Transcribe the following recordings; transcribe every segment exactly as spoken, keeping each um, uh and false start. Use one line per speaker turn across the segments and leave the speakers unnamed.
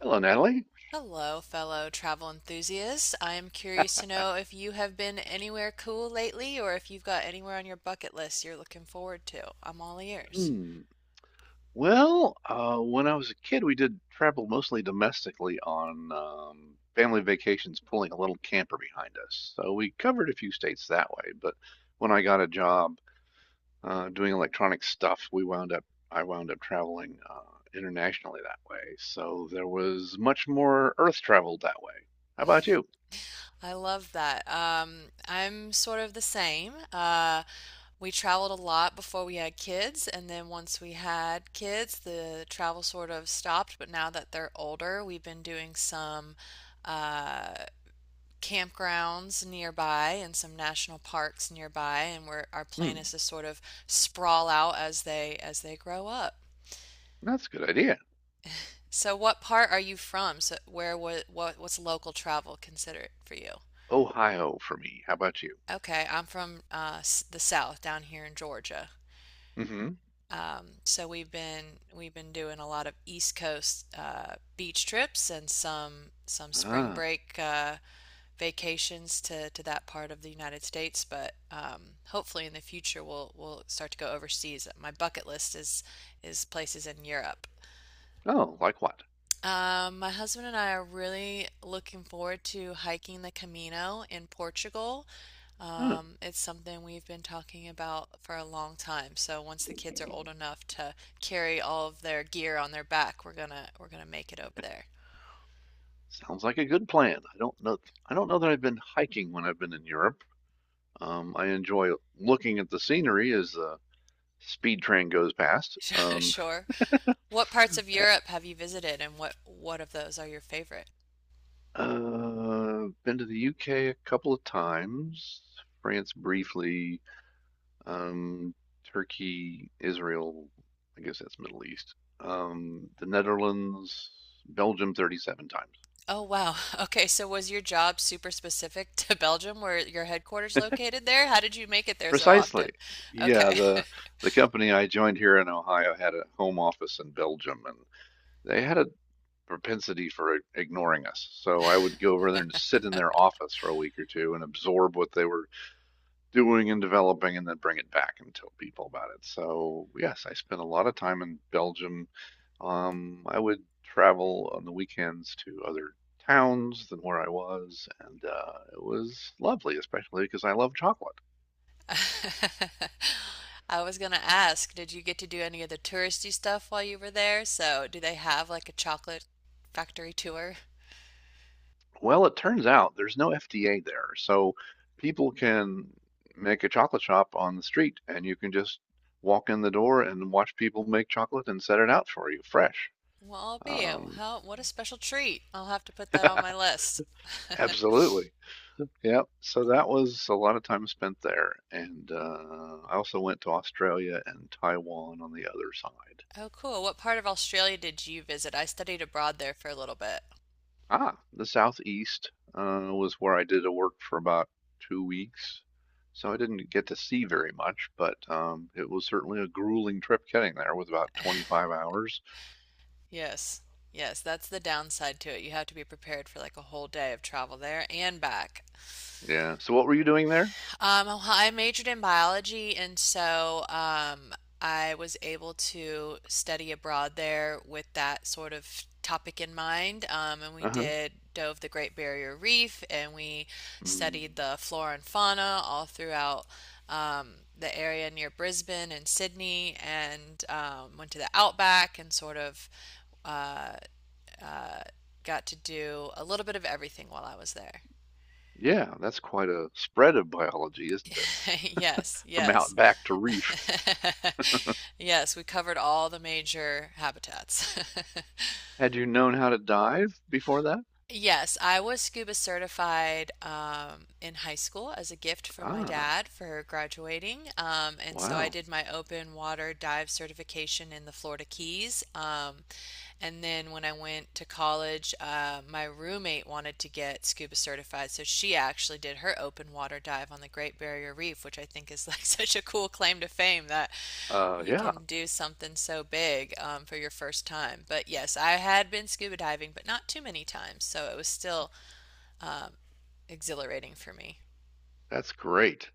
Hello, Natalie.
Hello, fellow travel enthusiasts. I am curious to
Uh,
know if you have been anywhere cool lately or if you've got anywhere on your bucket list you're looking forward to. I'm all ears.
Hmm. Well, uh, when I was a kid, we did travel mostly domestically on um, family vacations, pulling a little camper behind us. So we covered a few states that way. But when I got a job uh, doing electronic stuff, we wound up I wound up traveling uh, internationally that way. So there was much more earth traveled that way. How about you?
I love that. Um, I'm sort of the same. Uh, we traveled a lot before we had kids, and then once we had kids, the travel sort of stopped. But now that they're older, we've been doing some uh, campgrounds nearby and some national parks nearby and where our plan
Hmm.
is to sort of sprawl out as they as they grow up.
That's a good idea.
So what part are you from? So where what, what what's local travel considered for you?
Ohio for me. How about you?
Okay, I'm from uh, the South down here in Georgia.
Mm-hmm.
Um, so we've been we've been doing a lot of East Coast uh, beach trips and some some spring
Ah.
break uh, vacations to, to that part of the United States, but um, hopefully in the future we'll we'll start to go overseas. My bucket list is is places in Europe.
Oh, like what?
Um, my husband and I are really looking forward to hiking the Camino in Portugal.
Huh.
Um, it's something we've been talking about for a long time. So once the kids are old enough to carry all of their gear on their back, we're gonna we're gonna make it over there.
Sounds like a good plan. I don't know. I don't know that I've been hiking when I've been in Europe. Um, I enjoy looking at the scenery as the speed train goes past. Um,
Sure. What parts of
uh,
Europe have you visited and what what of those are your favorite?
uh, been to the U K a couple of times, France briefly, um, Turkey, Israel. I guess that's Middle East. Um, the Netherlands, Belgium, thirty-seven times.
Oh wow. Okay, so was your job super specific to Belgium where your headquarters located there? How did you make it there so often?
Precisely. Yeah,
Okay.
the the company I joined here in Ohio had a home office in Belgium, and they had a propensity for i- ignoring us. So I would go over there and sit in their office for a week or two and absorb what they were doing and developing, and then bring it back and tell people about it. So yes, I spent a lot of time in Belgium. Um, I would travel on the weekends to other towns than where I was, and uh, it was lovely, especially because I love chocolate.
I was gonna ask, did you get to do any of the touristy stuff while you were there? So, do they have like a chocolate factory tour?
Well, it turns out there's no F D A there, so people can make a chocolate shop on the street, and you can just walk in the door and watch people make chocolate and set it out for you fresh.
Well, I'll be.
Um,
How, what a special treat. I'll have to put that on my list.
absolutely. Yep. So that was a lot of time spent there, and uh, I also went to Australia and Taiwan on the other side.
Oh, cool. What part of Australia did you visit? I studied abroad there for a little bit.
Ah, the Southeast uh, was where I did a work for about two weeks. So I didn't get to see very much, but um, it was certainly a grueling trip getting there with about twenty-five hours.
Yes. Yes, that's the downside to it. You have to be prepared for like a whole day of travel there and back.
Yeah. So what were you doing there?
Um, well, I majored in biology, and so um, I was able to study abroad there with that sort of topic in mind. Um, and we
Uh-huh.
did dove the Great Barrier Reef, and we studied
Mm.
the flora and fauna all throughout um, the area near Brisbane and Sydney, and um, went to the outback and sort of uh, uh, got to do a little bit of everything while I was there.
Yeah, that's quite a spread of biology, isn't it?
Yes,
From
yes.
out back to reef.
Yes, we covered all the major habitats.
Had you known how to dive before that?
Yes, I was scuba certified um, in high school as a gift from my
Ah,
dad for graduating. Um, and so I
wow.
did my open water dive certification in the Florida Keys. Um, and then when I went to college, uh, my roommate wanted to get scuba certified, so she actually did her open water dive on the Great Barrier Reef, which I think is like such a cool claim to fame that
Uh,
you
yeah,
can do something so big um, for your first time. But yes, I had been scuba diving, but not too many times, so it was still um, exhilarating for me.
that's great.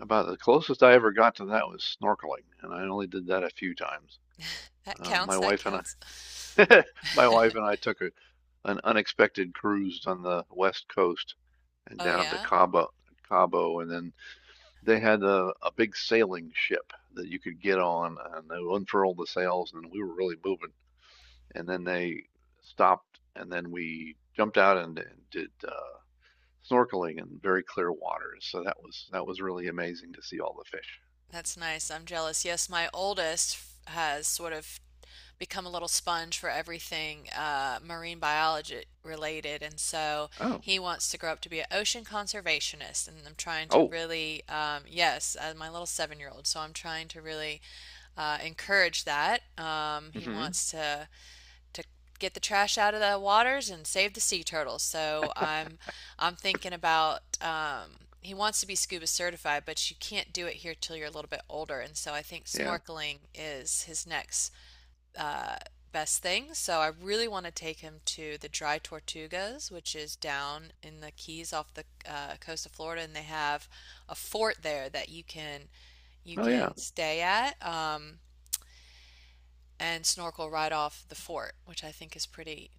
About the closest I ever got to that was snorkeling, and I only did that a few times.
That
Uh,
counts,
my
that
wife and
counts.
I, my wife and I took a, an unexpected cruise on the west coast and
Oh,
down to
yeah,
Cabo, Cabo, and then they had a, a big sailing ship that you could get on, and they unfurled the sails, and we were really moving. And then they stopped, and then we jumped out and, and did uh, snorkeling in very clear waters. So that was that was really amazing to see all the fish.
that's nice. I'm jealous. Yes, my oldest has sort of become a little sponge for everything uh, marine biology related. And so
Oh,
he wants to grow up to be an ocean conservationist. And I'm trying to
oh,
really, um, yes, uh, my little seven year old. So I'm trying to really uh, encourage that. Um, he
hmm
wants to to get the trash out of the waters and save the sea turtles. So I'm I'm thinking about um, he wants to be scuba certified, but you can't do it here till you're a little bit older. And so I think
yeah,
snorkeling is his next best thing. So I really want to take him to the Dry Tortugas, which is down in the Keys off the uh, coast of Florida, and they have a fort there that you can you
oh
can
yeah.
stay at um, and snorkel right off the fort, which I think is pretty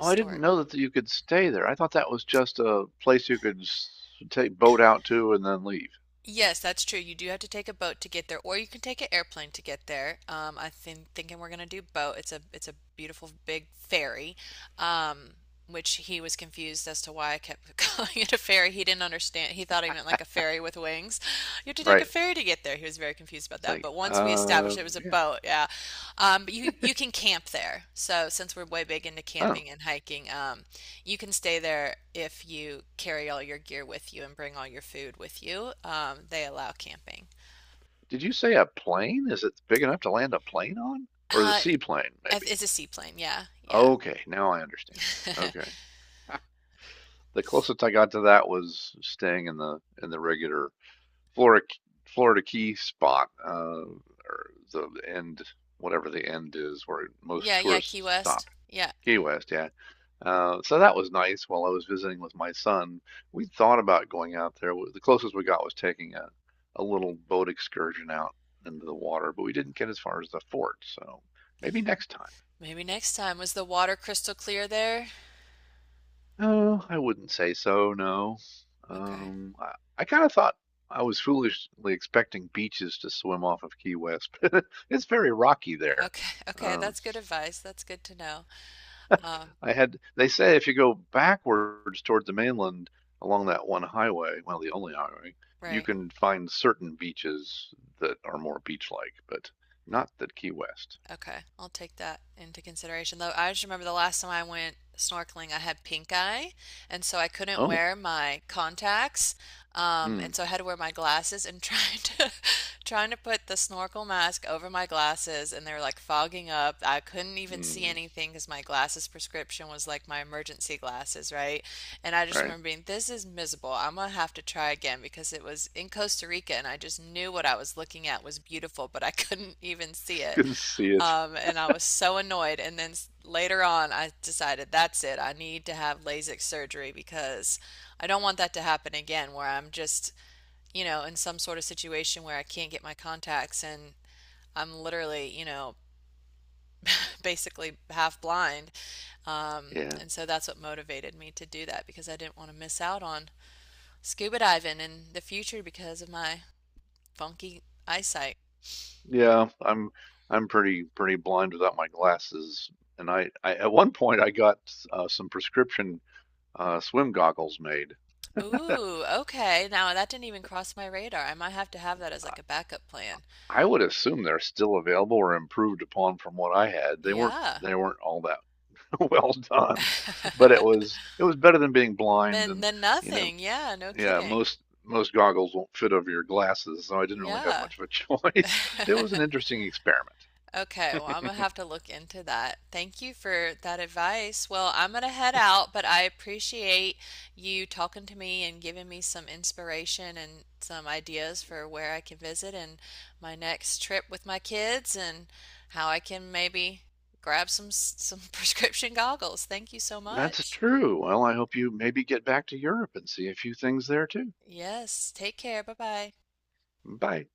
Oh, I didn't know that you could stay there. I thought that was just a place you could s- take boat out to and then leave.
Yes, that's true. You do have to take a boat to get there, or you can take an airplane to get there. Um, I think thinking we're gonna do boat. It's a it's a beautiful big ferry, um, which he was confused as to why I kept calling it a ferry. He didn't understand. He thought I meant like a ferry with wings. You have to take a
Right.
ferry to get there. He was very confused about
It's
that.
like,
But once we established
uh,
it was a
yeah.
boat, yeah. Um, but you you can camp there. So since we're way big into
Oh,
camping and hiking, um, you can stay there if you carry all your gear with you and bring all your food with you. Um, they allow camping.
did you say a plane? Is it big enough to land a plane on? Or is it a
Uh,
seaplane, maybe?
it's a seaplane. Yeah, yeah,
Okay, now I understand. Okay. The closest I got to that was staying in the in the regular Florida Florida Key spot, uh, or the end, whatever the end is, where most
yeah, yeah. Key
tourists
West.
stop.
Yeah.
Key West, yeah. Uh, so that was nice while I was visiting with my son. We thought about going out there. The closest we got was taking a, a little boat excursion out into the water, but we didn't get as far as the fort, so maybe next time.
Maybe next time. Was the water crystal clear there?
Oh, I wouldn't say so, no.
Okay.
Um, I, I kind of thought I was foolishly expecting beaches to swim off of Key West, but it's very rocky there.
Okay. Okay.
Uh,
That's good advice. That's good to know. Um,
I had, they say if you go backwards toward the mainland along that one highway, well, the only highway, you
right.
can find certain beaches that are more beach-like, but not the Key West.
Okay, I'll take that into consideration. Though I just remember the last time I went snorkeling, I had pink eye, and so I couldn't
Oh,
wear my contacts, um,
mm,
and so I had to wear my glasses. And trying to trying to put the snorkel mask over my glasses, and they were like fogging up. I couldn't even see
mm,
anything because my glasses prescription was like my emergency glasses, right? And I just
right.
remember being, this is miserable. I'm gonna have to try again because it was in Costa Rica, and I just knew what I was looking at was beautiful, but I couldn't even see it.
Couldn't see it.
Um, and I was so annoyed. And then s- later on, I decided that's it. I need to have LASIK surgery because I don't want that to happen again, where I'm just, you know, in some sort of situation where I can't get my contacts and I'm literally, you know, basically half blind. Um,
Yeah,
and so that's what motivated me to do that because I didn't want to miss out on scuba diving in the future because of my funky eyesight.
yeah. I'm, I'm pretty, pretty blind without my glasses. And I, I at one point I got uh, some prescription uh, swim goggles made.
Ooh, okay. Now that didn't even cross my radar. I might have to have that as like a backup plan.
I would assume they're still available or improved upon from what I had. They weren't
Yeah.
they weren't all that well done, but it was it was better than being blind
Then
and
then
you know
nothing. Yeah, no
yeah
kidding.
most most goggles won't fit over your glasses, so I didn't really have
Yeah.
much of a choice. It was an interesting experiment.
Okay, well, I'm gonna have to look into that. Thank you for that advice. Well, I'm gonna head out, but I appreciate you talking to me and giving me some inspiration and some ideas for where I can visit and my next trip with my kids and how I can maybe grab some some prescription goggles. Thank you so
That's
much.
true. Well, I hope you maybe get back to Europe and see a few things there too.
Yes, take care. Bye-bye.
Bye.